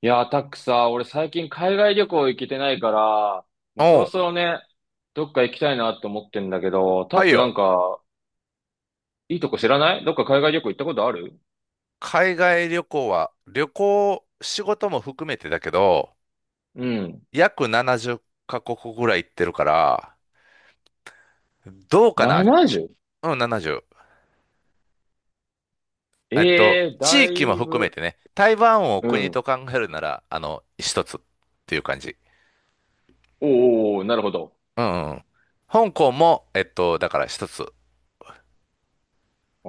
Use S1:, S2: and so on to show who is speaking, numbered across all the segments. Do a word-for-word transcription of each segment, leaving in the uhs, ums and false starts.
S1: いやー、タックさ、俺最近海外旅行行けてないから、もうそ
S2: お
S1: ろ
S2: う、
S1: そろね、どっか行きたいなって思ってんだけど、タッ
S2: はい
S1: クなん
S2: よ。
S1: か、いいとこ知らない？どっか海外旅行行ったことある？
S2: 海外旅行は、旅行、仕事も含めてだけど、
S1: うん。
S2: 約ななじゅうカ国ぐらい行ってるから、どうかな。
S1: ななじゅう？
S2: うん、ななじゅう。えっと、
S1: ええー、
S2: 地
S1: だ
S2: 域も
S1: い
S2: 含め
S1: ぶ。
S2: てね、台湾を
S1: う
S2: 国と
S1: ん。
S2: 考えるなら、あの、一つっていう感じ。
S1: おーおー、なるほど。
S2: うんうん。香港も、えっと、だから一つ。
S1: あ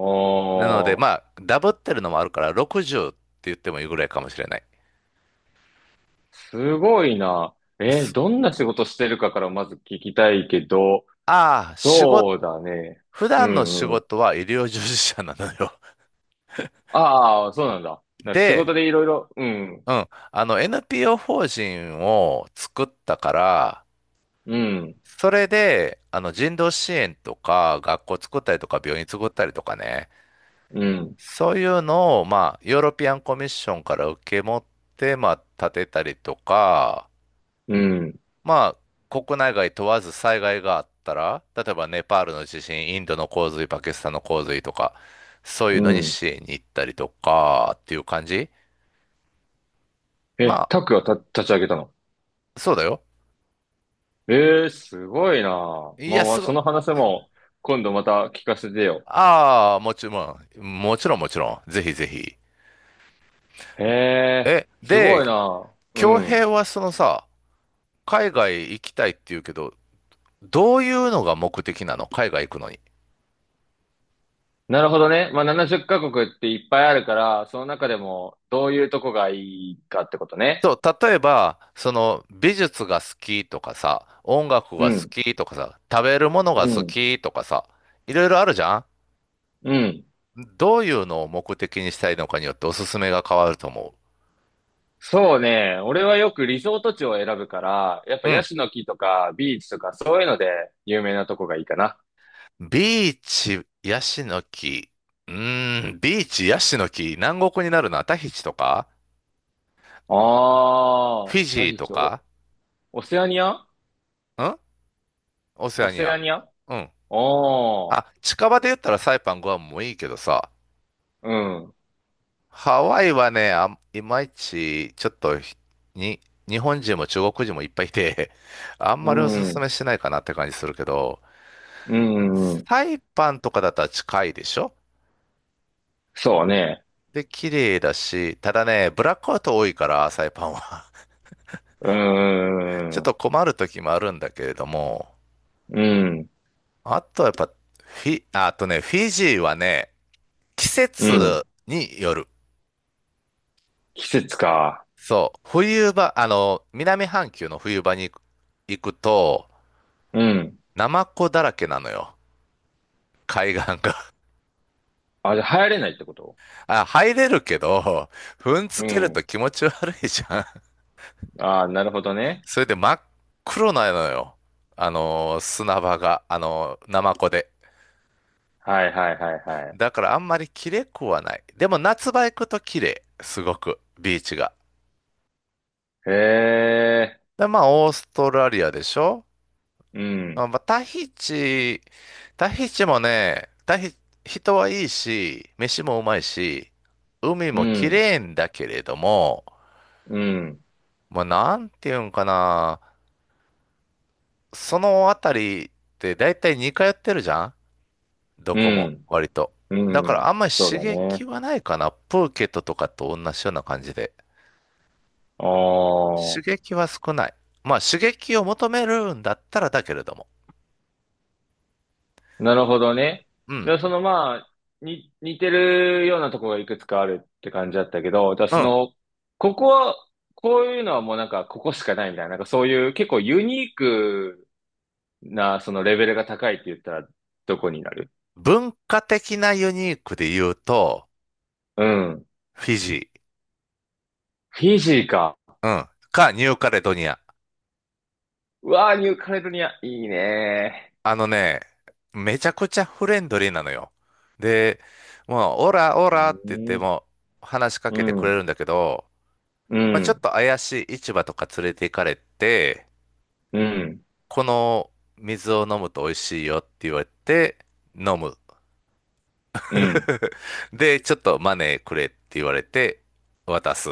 S2: なので、
S1: ー、
S2: まあ、ダブってるのもあるから、ろくじゅうって言ってもいいぐらいかもしれない。
S1: すごいな。えー、どんな仕事してるかからまず聞きたいけど、
S2: ああ、仕事、
S1: そうだね。
S2: 普
S1: う
S2: 段の仕
S1: んうん。
S2: 事は医療従事者なのよ。
S1: ああ、そうなんだ。だから仕
S2: で、
S1: 事でいろいろ、うん、
S2: うん。あの、エヌピーオー 法人を作ったから、
S1: うん、
S2: それで、あの、人道支援とか、学校作ったりとか、病院作ったりとかね、
S1: うん。
S2: そういうのを、まあ、ヨーロピアンコミッションから受け持って、まあ、建てたりとか、
S1: うん、
S2: まあ、国内外問わず災害があったら、例えばネパールの地震、インドの洪水、パキスタンの洪水とか、そういう
S1: う
S2: のに
S1: ん。
S2: 支援に行ったりとか、っていう感じ。ま
S1: え、
S2: あ、
S1: タックがた立ち上げたの？
S2: そうだよ。
S1: えー、すごいなあ。
S2: い
S1: まあ
S2: や、
S1: ま
S2: す
S1: あ、
S2: ごい、
S1: その話も今度また聞かせてよ。
S2: ああ、もちろん、もちろんもちろん。ぜひぜひ。
S1: へえ、
S2: え、
S1: すごい
S2: で、
S1: な。う
S2: 恭
S1: ん。
S2: 平はそのさ、海外行きたいって言うけど、どういうのが目的なの海外行くのに。
S1: なるほどね。まあ、ななじゅっかこくカ国っていっぱいあるから、その中でもどういうとこがいいかってことね。
S2: そう、例えば、その美術が好きとかさ、音楽
S1: う
S2: が好
S1: ん、
S2: きとかさ、食べるものが
S1: う
S2: 好
S1: ん、
S2: きとかさ、いろいろあるじゃん。
S1: うん。
S2: どういうのを目的にしたいのかによっておすすめが変わると思
S1: そうね。俺はよくリゾート地を選ぶから、やっぱ
S2: う。う
S1: ヤ
S2: ん。
S1: シの木とかビーチとかそういうので有名なとこがいいかな。
S2: ビーチ、ヤシの木。うーん、ビーチ、ヤシの木。南国になるな。タヒチとか
S1: あ
S2: フ
S1: あ、
S2: ィジー
S1: 何し？
S2: とか
S1: お、オセアニア？
S2: んオセ
S1: オ
S2: アニ
S1: セア
S2: ア。
S1: ニア？あ
S2: うん。
S1: あ、
S2: あ、近場で言ったらサイパン、グアムもいいけどさ。
S1: うん、
S2: ハワイはね、あん、いまいち、ちょっとひ、に、日本人も中国人もいっぱいいて、あん
S1: う
S2: まりおすす
S1: ん、
S2: めしないかなって感じするけど、
S1: うん、うん、
S2: サイパンとかだったら近いでしょ。
S1: そうね。
S2: で、綺麗だし、ただね、ブラックアウト多いから、サイパンは。
S1: うー
S2: ちょっ
S1: ん、
S2: と困る時もあるんだけれども、
S1: うん、
S2: あとはやっぱ、フィ、ああとね、フィジーはね、季
S1: うん。
S2: 節による。
S1: 季節か。
S2: そう、冬場、あの、南半球の冬場に行くと、
S1: うん。
S2: ナマコだらけなのよ、海岸が。
S1: あ、じゃあ流行れないってこと？
S2: あ、入れるけど、踏んづ
S1: う
S2: けると
S1: ん。
S2: 気持ち悪いじゃん。
S1: ああ、なるほどね。
S2: それで真っ黒なのよ、あの、砂場が、あの、ナマコで。
S1: はいはいはいはい。
S2: だからあんまり綺麗くはない。でも夏場行くと綺麗、すごく、ビーチが。
S1: へえ、
S2: で、まあ、オーストラリアでしょ。
S1: う
S2: あ、
S1: ん、
S2: まあ、タヒチ、タヒチもね、タヒ、人はいいし、飯もうまいし、海
S1: う
S2: も綺
S1: ん、
S2: 麗んだけれども、
S1: うん、
S2: まあ、なんていうんかな、そのあたりって大体似通ってるじゃん、ど
S1: う
S2: こも、
S1: ん、
S2: 割と。だ
S1: う
S2: から
S1: ん。
S2: あんまり
S1: そう
S2: 刺
S1: だ
S2: 激
S1: ね。
S2: はないかな。プーケットとかと同じような感じで。
S1: ああ、
S2: 刺激は少ない。まあ刺激を求めるんだったらだけれども。
S1: なるほどね。
S2: うん。
S1: で、そのまあ、に、似てるようなところがいくつかあるって感じだったけど、じゃあ
S2: う
S1: そ
S2: ん。
S1: の、ここは、こういうのはもうなんか、ここしかないみたいな、なんかそういう結構ユニークな、そのレベルが高いって言ったら、どこになる？
S2: 文化的なユニークで言うと、
S1: うん。
S2: フィジ
S1: フィジーか。
S2: ー、うん、かニューカレドニア。
S1: うわー、ニューカレドニア、いいね
S2: あのね、めちゃくちゃフレンドリーなのよ。で、もう、オラオ
S1: ー。
S2: ラって
S1: う
S2: 言って
S1: ん、
S2: も話しか
S1: う
S2: けてくれ
S1: ん、
S2: るんだけど、
S1: う
S2: まあ、ちょっ
S1: ん、
S2: と怪しい市場とか連れて行かれて、
S1: うん、
S2: この水を飲むと美味しいよって言われて、飲む。
S1: うん、
S2: で、ちょっとマネーくれって言われて、渡す。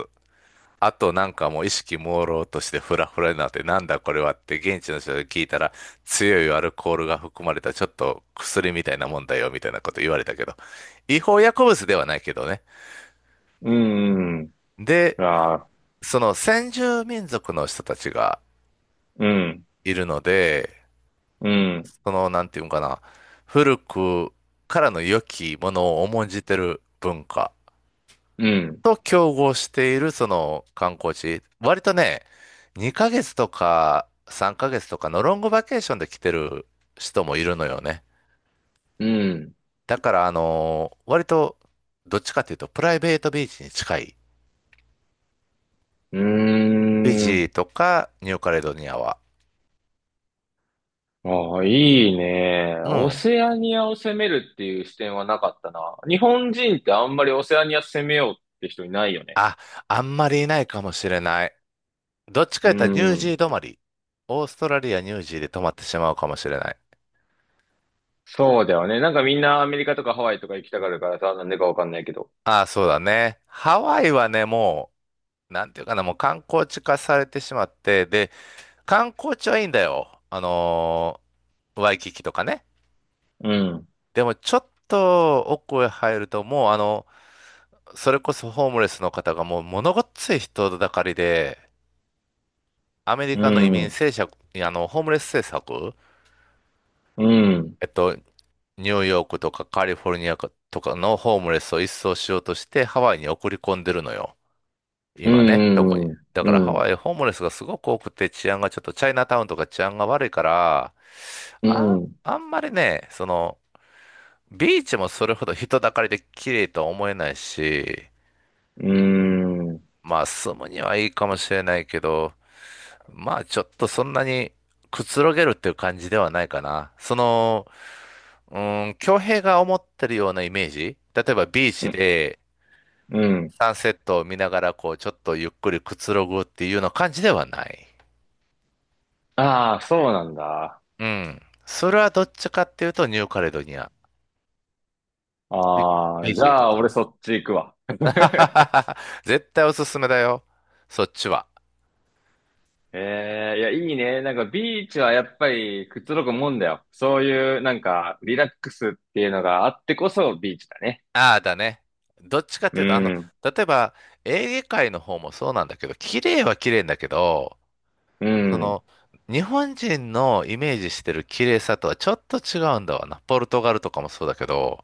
S2: あとなんかもう意識朦朧としてフラフラになって、なんだこれはって現地の人に聞いたら、強いアルコールが含まれたちょっと薬みたいなもんだよみたいなこと言われたけど、違法薬物ではないけどね。
S1: う
S2: で、
S1: ん、ああ、
S2: その先住民族の人たちが
S1: うん、
S2: いるので、
S1: うん、
S2: そのなんていうのかな、古くからの良きものを重んじてる文化
S1: うん、
S2: と競合しているその観光地、割とね、にかげつとかさんかげつとかのロングバケーションで来てる人もいるのよね。
S1: うん、
S2: だからあのー割とどっちかというとプライベートビーチに近い。
S1: う
S2: フィジ
S1: ーん。
S2: ーとかニューカレドニアは。
S1: ああ、いいね。
S2: う
S1: オ
S2: ん。
S1: セアニアを攻めるっていう視点はなかったな。日本人ってあんまりオセアニア攻めようって人いないよね。
S2: あ、あんまりいないかもしれない。どっちか
S1: う
S2: 言ったらニュージ
S1: ん。
S2: ー止まり。オーストラリア、ニュージーで止まってしまうかもしれない。
S1: そうだよね。なんかみんなアメリカとかハワイとか行きたがるからさ、なんでかわかんないけど。
S2: ああ、そうだね。ハワイはね、もう、なんていうかな、もう観光地化されてしまって、で、観光地はいいんだよ。あのーワイキキとかね。
S1: うん。
S2: でもちょっと奥へ入るともうあの、それこそホームレスの方がもう物ごっつい人だかりで、アメリ
S1: う
S2: カの移民
S1: ん。
S2: 政策、いやあの、ホームレス政策、
S1: うん。
S2: えっと、ニューヨークとかカリフォルニアとかのホームレスを一掃しようとしてハワイに送り込んでるのよ。
S1: う
S2: 今ね、どこに。
S1: ん。
S2: だ
S1: う
S2: から
S1: ん。
S2: ハ
S1: うん。
S2: ワイホームレスがすごく多くて治安がちょっとチャイナタウンとか治安が悪いから、
S1: う
S2: あ、
S1: ん。
S2: あんまりね、その、ビーチもそれほど人だかりで綺麗とは思えないし、
S1: うん。
S2: まあ住むにはいいかもしれないけど、まあちょっとそんなにくつろげるっていう感じではないかな。その、うーん、恭平が思ってるようなイメージ例えばビーチで
S1: うん。
S2: サンセットを見ながらこうちょっとゆっくりくつろぐっていうような感じではない。
S1: ああ、そうなんだ。
S2: うん。それはどっちかっていうとニューカレドニア。ビ、
S1: ああ、
S2: ビ
S1: じ
S2: ジー
S1: ゃ
S2: と
S1: あ
S2: か
S1: 俺
S2: ね。
S1: そっち行くわ。
S2: 絶対おすすめだよ。そっちは。
S1: ええいや、いいね。なんかビーチはやっぱりくつろぐもんだよ。そういうなんかリラックスっていうのがあってこそビーチだね。
S2: ああ、だね。どっちかっ
S1: う
S2: ていうと、あの、
S1: ん、
S2: 例えば、エーゲ海の方もそうなんだけど、綺麗は綺麗んだけど、
S1: う
S2: そ
S1: ん、
S2: の、日本人のイメージしてる綺麗さとはちょっと違うんだわな。ポルトガルとかもそうだけど、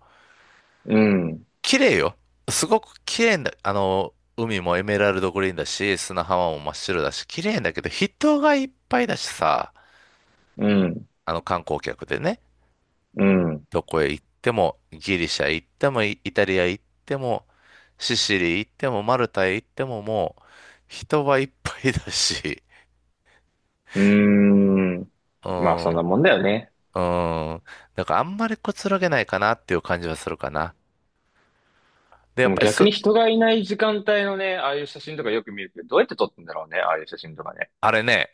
S1: うん、
S2: 綺麗よ。すごく綺麗んだ。あの、海もエメラルドグリーンだし、砂浜も真っ白だし、綺麗んだけど、人がいっぱいだしさ、
S1: うん、
S2: あの観光客でね。
S1: うん、
S2: どこへ行っても、ギリシャ行っても、イイタリア行っても、シシリ行っても、マルタへ行っても、もう、人はいっぱいだし、
S1: うん。
S2: う
S1: まあそ
S2: ん、う
S1: んな
S2: ん。
S1: もんだよね。
S2: だからあんまりくつろげないかなっていう感じはするかな。で、や
S1: で
S2: っ
S1: も
S2: ぱり
S1: 逆
S2: す、
S1: に人がいない時間帯のね、ああいう写真とかよく見るけど、どうやって撮ってんだろうね、ああいう写真とかね。
S2: あれね、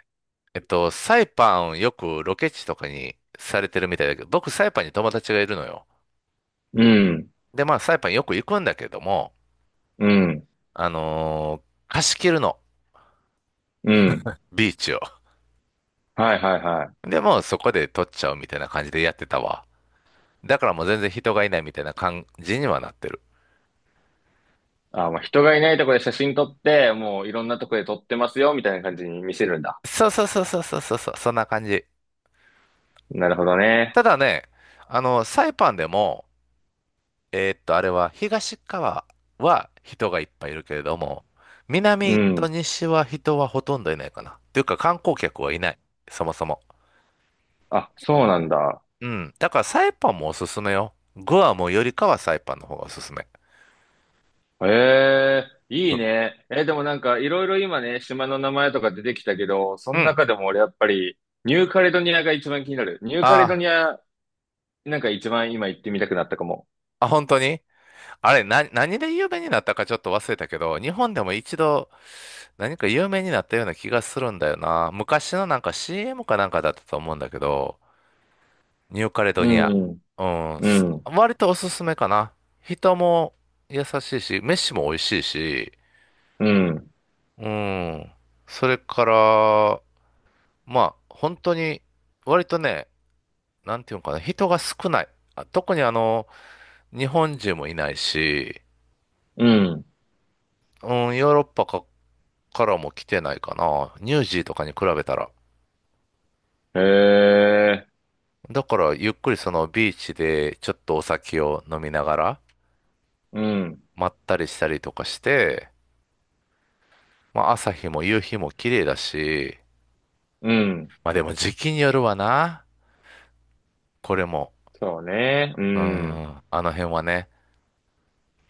S2: えっと、サイパンよくロケ地とかにされてるみたいだけど、僕サイパンに友達がいるのよ。
S1: うん、
S2: で、まあサイパンよく行くんだけども、
S1: うん、
S2: あのー貸し切るの、
S1: うん。
S2: ビーチを。
S1: はいはいはい。
S2: で、もうそこで撮っちゃうみたいな感じでやってたわ。だからもう全然人がいないみたいな感じにはなってる。
S1: あ、まあ人がいないとこで写真撮って、もういろんなとこで撮ってますよ、みたいな感じに見せるんだ。
S2: そうそうそうそうそうそうそう、そんな感じ。
S1: なるほど
S2: た
S1: ね。
S2: だね、あの、サイパンでも、えーっと、あれは東側は人がいっぱいいるけれども、
S1: う
S2: 南と
S1: ん。
S2: 西は人はほとんどいないかな。というか観光客はいない。そもそも。
S1: あ、そうなんだ。
S2: うん。だからサイパンもおすすめよ。グアムよりかはサイパンの方がおすすめ。
S1: ええ、いい
S2: う
S1: ね。え、でもなんかいろいろ今ね、島の名前とか出てきたけど、そ
S2: う
S1: の
S2: ん。
S1: 中でも俺やっぱりニューカレドニアが一番気になる。ニューカレド
S2: あ
S1: ニア、なんか一番今行ってみたくなったかも。
S2: あ、あ、本当にあれ、な、何で有名になったかちょっと忘れたけど、日本でも一度何か有名になったような気がするんだよな。昔のなんか シーエム かなんかだったと思うんだけど、ニューカレド
S1: う
S2: ニア。
S1: ん、
S2: うん、
S1: う
S2: す
S1: ん、う
S2: 割とおすすめかな。人も優しいし、飯も美味しいし、
S1: ん、
S2: うん。それから、まあ、本当に、割とね、なんていうのかな、人が少ない。あ特にあの、日本人もいないし、
S1: うん。
S2: うん、ヨーロッパか、からも来てないかな。ニュージーとかに比べたら。
S1: へえ、
S2: だからゆっくりそのビーチでちょっとお酒を飲みながら
S1: うん、
S2: まったりしたりとかして、まあ朝日も夕日も綺麗だし、
S1: うん。
S2: まあでも時期によるわな。これも。
S1: そうね。う
S2: うん、
S1: ん、
S2: あの辺はね。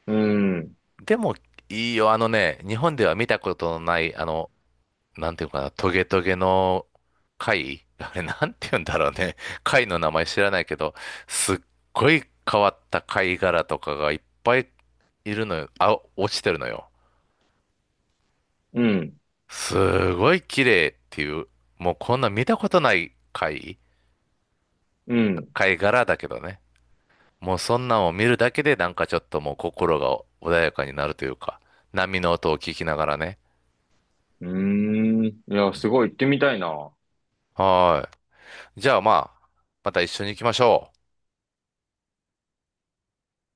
S1: うん、
S2: でもいいよ、あのね、日本では見たことのない、あの、なんていうかな、トゲトゲの貝あれなんて言うんだろうね。貝の名前知らないけど、すっごい変わった貝殻とかがいっぱいいるのよ。あ、落ちてるのよ。
S1: うん、
S2: すごい綺麗っていう、もうこんな見たことない貝、
S1: うん。
S2: 貝殻だけどね。もうそんなんを見るだけでなんかちょっともう心が穏やかになるというか、波の音を聞きながらね。
S1: うーん。いや、すごい行ってみたいな。
S2: はーい。じゃあまあ、また一緒に行きましょう。